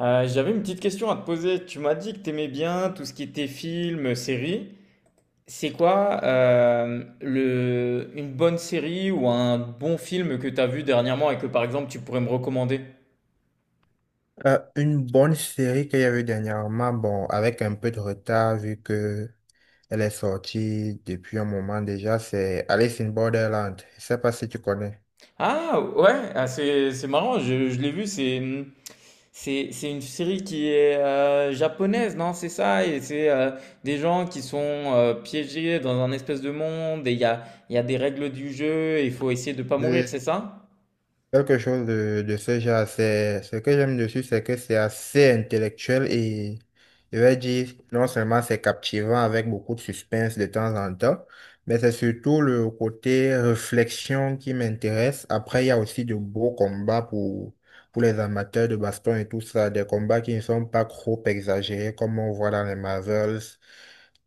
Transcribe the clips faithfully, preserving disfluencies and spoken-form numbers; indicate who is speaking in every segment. Speaker 1: Euh, j'avais une petite question à te poser. Tu m'as dit que t'aimais bien tout ce qui était film, série. C'est quoi euh, le, une bonne série ou un bon film que t'as vu dernièrement et que par exemple tu pourrais me recommander?
Speaker 2: Euh, une bonne série qu'il y avait dernièrement, bon, avec un peu de retard vu que elle est sortie depuis un moment déjà, c'est Alice in Borderland. Je sais pas si tu connais.
Speaker 1: Ah ouais, ah, c'est c'est marrant, je, je l'ai vu, c'est c'est c'est une série qui est euh, japonaise, non? C'est ça, et c'est euh, des gens qui sont euh, piégés dans un espèce de monde et il y a, il y a des règles du jeu et il faut essayer de pas mourir, c'est ça?
Speaker 2: Quelque chose de, de ce genre, c'est, ce que j'aime dessus, c'est que c'est assez intellectuel et je vais dire, non seulement c'est captivant avec beaucoup de suspense de temps en temps, mais c'est surtout le côté réflexion qui m'intéresse. Après, il y a aussi de beaux combats pour, pour les amateurs de baston et tout ça, des combats qui ne sont pas trop exagérés comme on voit dans les Marvels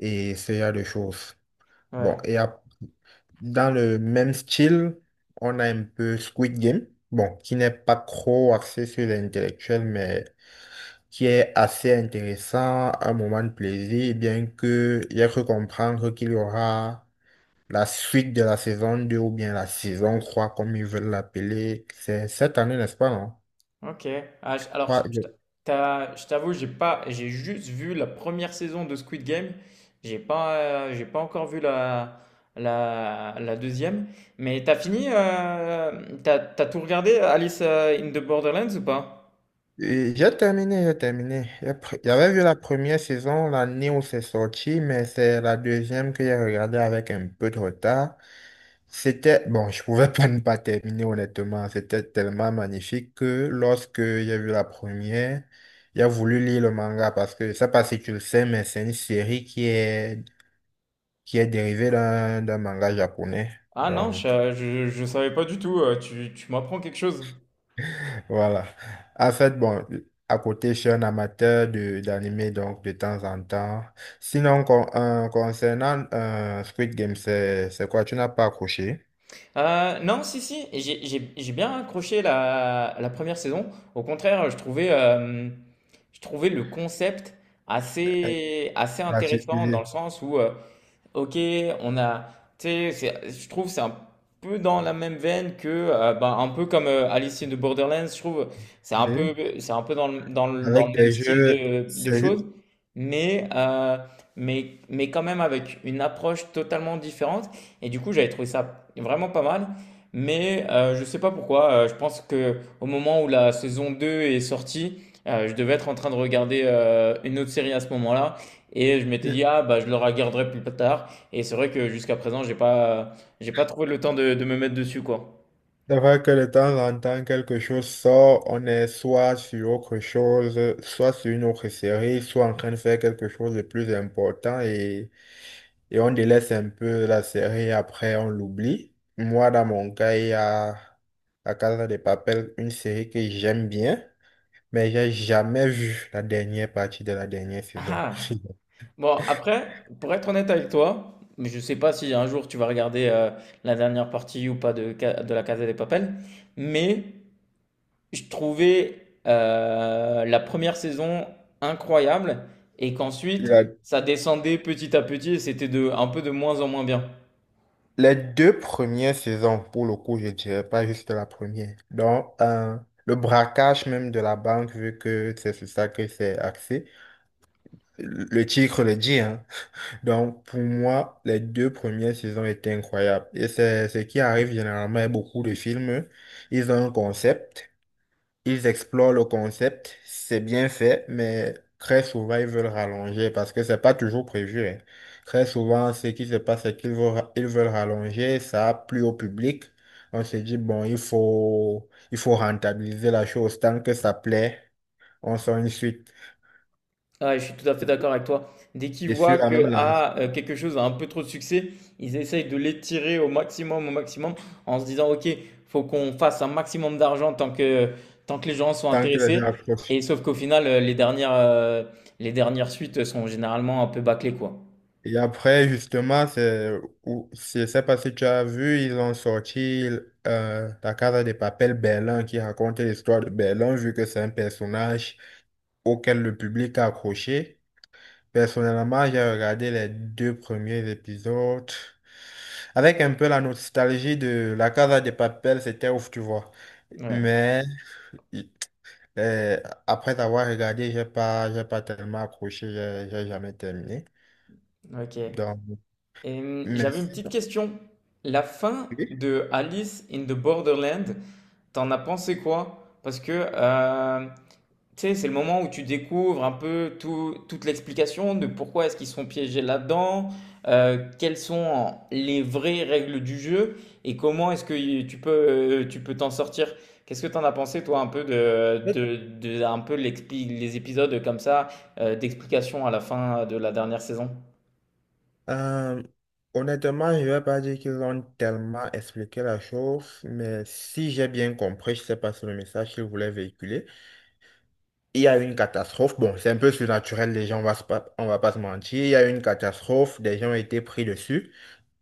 Speaker 2: et ce genre de choses. Bon,
Speaker 1: Ouais.
Speaker 2: et dans le même style, on a un peu Squid Game, bon, qui n'est pas trop axé sur l'intellectuel, mais qui est assez intéressant, un moment de plaisir, bien que j'ai cru comprendre qu'il y aura la suite de la saison deux ou bien la saison trois, comme ils veulent l'appeler. C'est cette année, n'est-ce pas, non?
Speaker 1: Ok. Ah, je- alors, je
Speaker 2: Ouais.
Speaker 1: je t'a- t'as- je t'avoue, j'ai pas, j'ai juste vu la première saison de Squid Game. J'ai pas, euh, j'ai pas encore vu la, la, la deuxième. Mais t'as fini, euh, t'as, t'as tout regardé, Alice euh, in the Borderlands ou pas?
Speaker 2: Et J'ai terminé, j'ai terminé. J'ai pr- J'avais vu la première saison l'année où c'est sorti, mais c'est la deuxième que j'ai regardée avec un peu de retard. C'était, bon, je pouvais pas ne pas terminer honnêtement. C'était tellement magnifique que lorsque j'ai vu la première, j'ai voulu lire le manga parce que, je sais pas si tu le sais, mais c'est une série qui est, qui est dérivée d'un d'un manga japonais.
Speaker 1: Ah non,
Speaker 2: Donc,
Speaker 1: je, je, je savais pas du tout. euh, Tu, tu m'apprends quelque chose.
Speaker 2: voilà. En fait, bon, à côté, je suis un amateur de d'anime, donc de temps en temps. Sinon, con- euh, concernant euh, Squid Game, c'est c'est quoi? Tu n'as pas accroché?
Speaker 1: Euh, non, si, si, et j'ai j'ai- j'ai bien accroché la, la première saison. Au contraire, je trouvais, euh, je trouvais le concept
Speaker 2: En
Speaker 1: assez, assez intéressant dans
Speaker 2: particulier,
Speaker 1: le sens où euh, OK, on a, tu sais, c'est- je trouve que c'est un peu dans la même veine que, euh, ben, un peu comme euh, Alice in the Borderlands, je trouve, c'est un
Speaker 2: oui.
Speaker 1: peu, c'est un peu dans le, dans le, dans
Speaker 2: Avec
Speaker 1: le même
Speaker 2: des
Speaker 1: style
Speaker 2: jeux,
Speaker 1: de, de
Speaker 2: c'est
Speaker 1: choses, mais, euh, mais, mais quand même avec une approche totalement différente. Et du coup, j'avais trouvé ça vraiment pas mal, mais euh, je sais pas pourquoi. Euh, je pense que au moment où la saison deux est sortie, euh, je devais être en train de regarder euh, une autre série à ce moment-là. Et je m'étais dit, ah, bah, je le regarderai plus tard. Et c'est vrai que jusqu'à présent, j'ai pas, j'ai pas trouvé le temps de, de me mettre dessus, quoi.
Speaker 2: c'est vrai que de temps en temps, quelque chose sort, on est soit sur autre chose, soit sur une autre série, soit en train de faire quelque chose de plus important et et on délaisse un peu la série, après on l'oublie. Moi, dans mon cas, il y a La Casa de Papel, une série que j'aime bien, mais j'ai jamais vu la dernière partie de la dernière saison.
Speaker 1: Ah. Bon, après, pour être honnête avec toi, mais je sais pas si un jour tu vas regarder euh, la dernière partie ou pas de, Ca- de la Casa des Papel, mais je trouvais euh, la première saison incroyable et qu'ensuite
Speaker 2: La-
Speaker 1: ça descendait petit à petit et c'était de, un peu de moins en moins bien.
Speaker 2: les deux premières saisons, pour le coup, je dirais pas juste la première. Donc, euh, le braquage même de la banque, vu que c'est sur ça que c'est axé, le titre le dit, hein. Donc, pour moi, les deux premières saisons étaient incroyables. Et c'est ce qui arrive généralement avec beaucoup de films. Ils ont un concept, ils explorent le concept, c'est bien fait, mais très souvent, ils veulent rallonger parce que c'est pas toujours prévu, hein. Très souvent, ce qui se passe, c'est qu'ils veulent, ils veulent rallonger, ça a plu au public. On se dit, bon, il faut, il faut rentabiliser la chose. Tant que ça plaît, on sort une suite.
Speaker 1: Ah, je suis tout à fait d'accord avec toi. Dès qu'ils
Speaker 2: Et sur
Speaker 1: voient
Speaker 2: la même
Speaker 1: que
Speaker 2: lance,
Speaker 1: ah, euh, quelque chose a un peu trop de succès, ils essayent de l'étirer au maximum, au maximum, en se disant, OK, faut qu'on fasse un maximum d'argent tant que, tant que les gens sont
Speaker 2: tant que les gens
Speaker 1: intéressés.
Speaker 2: accrochent.
Speaker 1: Et sauf qu'au final, euh, les dernières, euh, les dernières suites sont généralement un peu bâclées, quoi.
Speaker 2: Et après, justement, c'est, ou- je sais pas si tu as vu, ils ont sorti euh, La Casa de Papel Berlin qui raconte l'histoire de Berlin, vu que c'est un personnage auquel le public a accroché. Personnellement, j'ai regardé les deux premiers épisodes avec un peu la nostalgie de La Casa de Papel, c'était ouf, tu vois.
Speaker 1: Ouais,
Speaker 2: Mais euh, après avoir regardé, j'ai pas, j'ai pas tellement accroché, j'ai j'ai jamais terminé.
Speaker 1: ok.
Speaker 2: Donc,
Speaker 1: Et, hum, j'avais une
Speaker 2: merci.
Speaker 1: petite question. La fin
Speaker 2: Oui.
Speaker 1: de Alice in the Borderland, t'en as pensé quoi? Parce que euh, tu sais, c'est le moment où tu découvres un peu tout- toute l'explication de pourquoi est-ce qu'ils sont piégés là-dedans, euh, quelles sont les vraies règles du jeu et comment est-ce que tu peux euh, tu peux t'en sortir. Qu'est-ce que tu en as pensé toi un peu de, de, de- un peu l'expli- les épisodes comme ça euh, d'explication à la fin de la dernière saison?
Speaker 2: Euh, Honnêtement, je ne vais pas dire qu'ils ont tellement expliqué la chose, mais si j'ai bien compris, je ne sais pas si le message qu'ils voulaient véhiculer, il y a eu une catastrophe. Bon, c'est un peu surnaturel, les gens, on va se pas, on va pas se mentir. Il y a eu une catastrophe, des gens ont été pris dessus,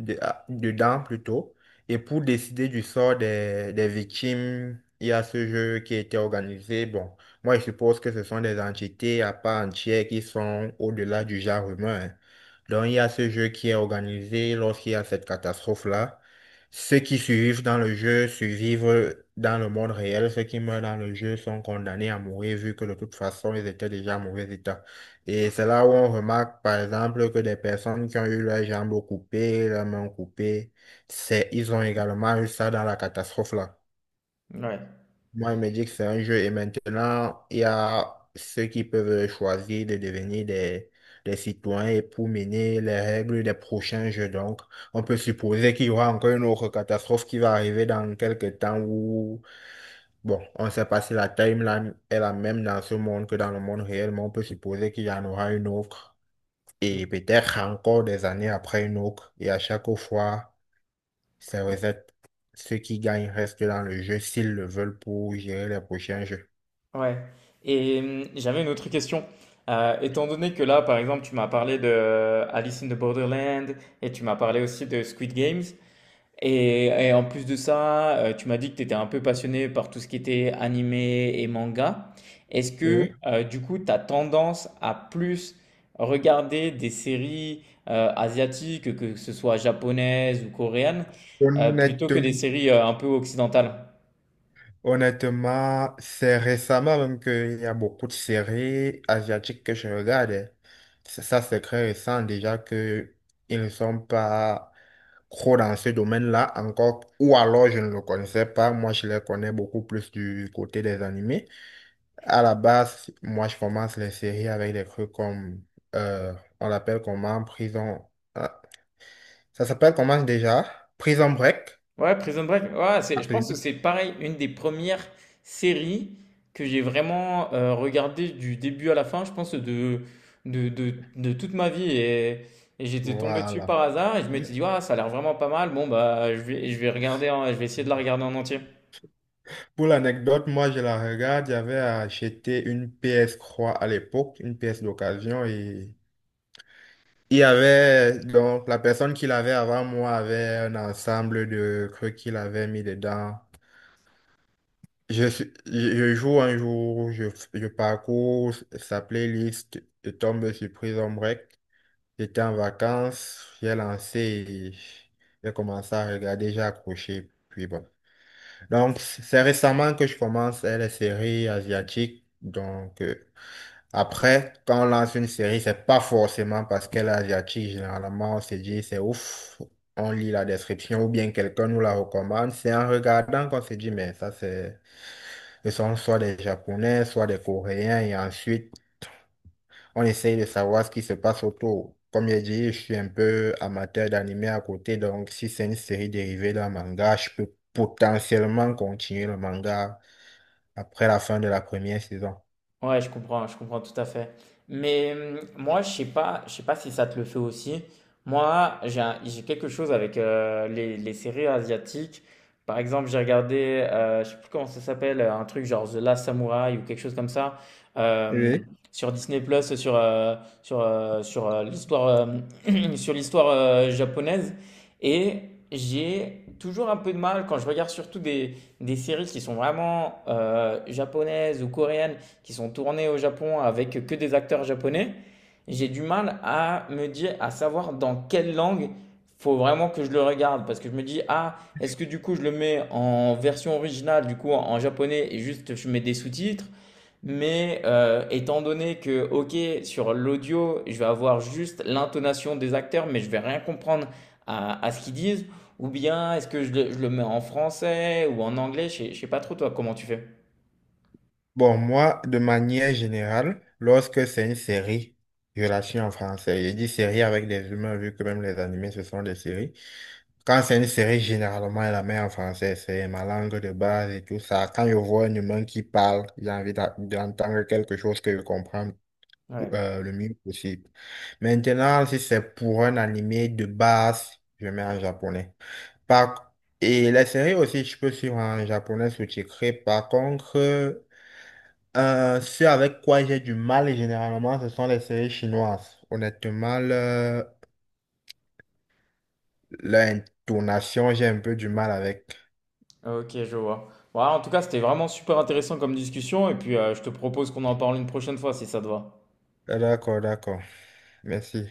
Speaker 2: de- ah, dedans plutôt. Et pour décider du sort des, des victimes, il y a ce jeu qui a été organisé. Bon, moi, je suppose que ce sont des entités à part entière qui sont au-delà du genre humain, hein. Donc, il y a ce jeu qui est organisé lorsqu'il y a cette catastrophe-là. Ceux qui survivent dans le jeu survivent dans le monde réel. Ceux qui meurent dans le jeu sont condamnés à mourir vu que de toute façon, ils étaient déjà en mauvais état. Et c'est là où on remarque, par exemple, que des personnes qui ont eu leurs jambes coupées, leurs mains coupées, c'est, ils ont également eu ça dans la catastrophe là.
Speaker 1: Ouais.
Speaker 2: Moi, il me dit que c'est un jeu et maintenant, il y a ceux qui peuvent choisir de devenir des, des citoyens et pour mener les règles des prochains jeux. Donc, on peut supposer qu'il y aura encore une autre catastrophe qui va arriver dans quelques temps où, bon, on ne sait pas si la timeline est la même dans ce monde que dans le monde réel, mais on peut supposer qu'il y en aura une autre et peut-être encore des années après une autre. Et à chaque fois, ça reset. Ceux qui gagnent restent dans le jeu s'ils le veulent pour gérer les prochains jeux.
Speaker 1: Ouais. Et hum, j'avais une autre question. Euh, étant donné que là, par exemple, tu m'as parlé de euh, Alice in the Borderland et tu m'as parlé aussi de Squid Games, Et, et en plus de ça, euh, tu m'as dit que tu étais un peu passionné par tout ce qui était animé et manga. Est-ce que
Speaker 2: Oui.
Speaker 1: euh, du coup, tu as tendance à plus regarder des séries euh, asiatiques, que ce soit japonaises ou coréennes, euh, plutôt que des
Speaker 2: Honnêtement,
Speaker 1: séries euh, un peu occidentales?
Speaker 2: honnêtement, c'est récemment même qu'il y a beaucoup de séries asiatiques que je regarde. Ça, ça, c'est très récent déjà que ils ne sont pas trop dans ce domaine-là encore. Ou alors je ne le connaissais pas. Moi, je les connais beaucoup plus du côté des animés. À la base, moi, je commence les séries avec des trucs comme, euh, on l'appelle comment, Prison. Ah, ça s'appelle comment déjà? Prison Break.
Speaker 1: Ouais, Prison Break. Ouais, c'est, je
Speaker 2: Appelé.
Speaker 1: pense que c'est pareil, une des premières séries que j'ai vraiment euh, regardé du début à la fin, je pense, de, de, de, de toute ma vie. Et, et j'étais tombé dessus
Speaker 2: Voilà.
Speaker 1: par hasard et je m'étais dit, ouais, ça a l'air vraiment pas mal. Bon, bah, je vais, je vais regarder, en- je vais essayer de la regarder en entier.
Speaker 2: Pour l'anecdote, moi je la regarde, j'avais acheté une P S trois à l'époque, une pièce d'occasion et il y avait donc la personne qui l'avait avant moi avait un ensemble de trucs qu'il avait mis dedans. Je, suis- je je joue un jour, je, je parcours sa playlist, je tombe sur Prison Break. J'étais en vacances, j'ai lancé, et j'ai commencé à regarder, j'ai accroché, puis bon. Donc, c'est récemment que je commence euh, les séries asiatiques. Donc, euh, après, quand on lance une série, c'est pas forcément parce qu'elle est asiatique. Généralement, on se dit, c'est ouf, on lit la description ou bien quelqu'un nous la recommande. C'est en regardant qu'on se dit, mais ça, c'est, ce sont soit des Japonais, soit des Coréens. Et ensuite, on essaye de savoir ce qui se passe autour. Comme j'ai dit, je suis un peu amateur d'animé à côté. Donc, si c'est une série dérivée d'un manga, je peux potentiellement continuer le manga après la fin de la première saison.
Speaker 1: Ouais, je comprends, je comprends tout à fait. Mais hum, moi, je sais pas, je sais pas si ça te le fait aussi. Moi, j'ai un- j'ai quelque chose avec euh, les, les séries asiatiques. Par exemple, j'ai regardé, euh, je sais plus comment ça s'appelle, euh, un truc genre The Last Samurai ou quelque chose comme ça euh,
Speaker 2: Oui.
Speaker 1: sur Disney Plus, sur euh, sur euh, sur euh, l'histoire euh, sur l'histoire euh, japonaise. Et j'ai toujours un peu de mal quand je regarde surtout des des séries qui sont vraiment euh, japonaises ou coréennes qui sont tournés au Japon avec que des acteurs japonais, j'ai du mal à me dire, à savoir dans quelle langue faut vraiment que je le regarde parce que je me dis ah est-ce que du coup je le mets en version originale du coup en japonais et juste je mets des sous-titres mais euh, étant donné que ok sur l'audio je vais avoir juste l'intonation des acteurs mais je vais rien comprendre à, à ce qu'ils disent ou bien est-ce que je le, je le mets en français ou en anglais je sais, je sais pas trop toi comment tu fais
Speaker 2: Bon, moi, de manière générale, lorsque c'est une série, je la suis en français. J'ai dit série avec des humains, vu que même les animés, ce sont des séries. Quand c'est une série, généralement, elle la met en français. C'est ma langue de base et tout ça. Quand je vois un humain qui parle, j'ai envie d'a- d'entendre quelque chose que je comprends pou-
Speaker 1: ouais.
Speaker 2: euh, le mieux possible. Maintenant, si c'est pour un animé de base, je mets en japonais. Par... Et les séries aussi, je peux suivre en japonais sous-titré. Par contre, euh, ce avec quoi j'ai du mal généralement, ce sont les séries chinoises. Honnêtement, le- l'intonation, j'ai un peu du mal avec.
Speaker 1: Ok, je vois. Voilà, en tout cas, c'était vraiment super intéressant comme discussion et puis euh, je te propose qu'on en parle une prochaine fois si ça te va.
Speaker 2: D'accord, d'accord. Merci.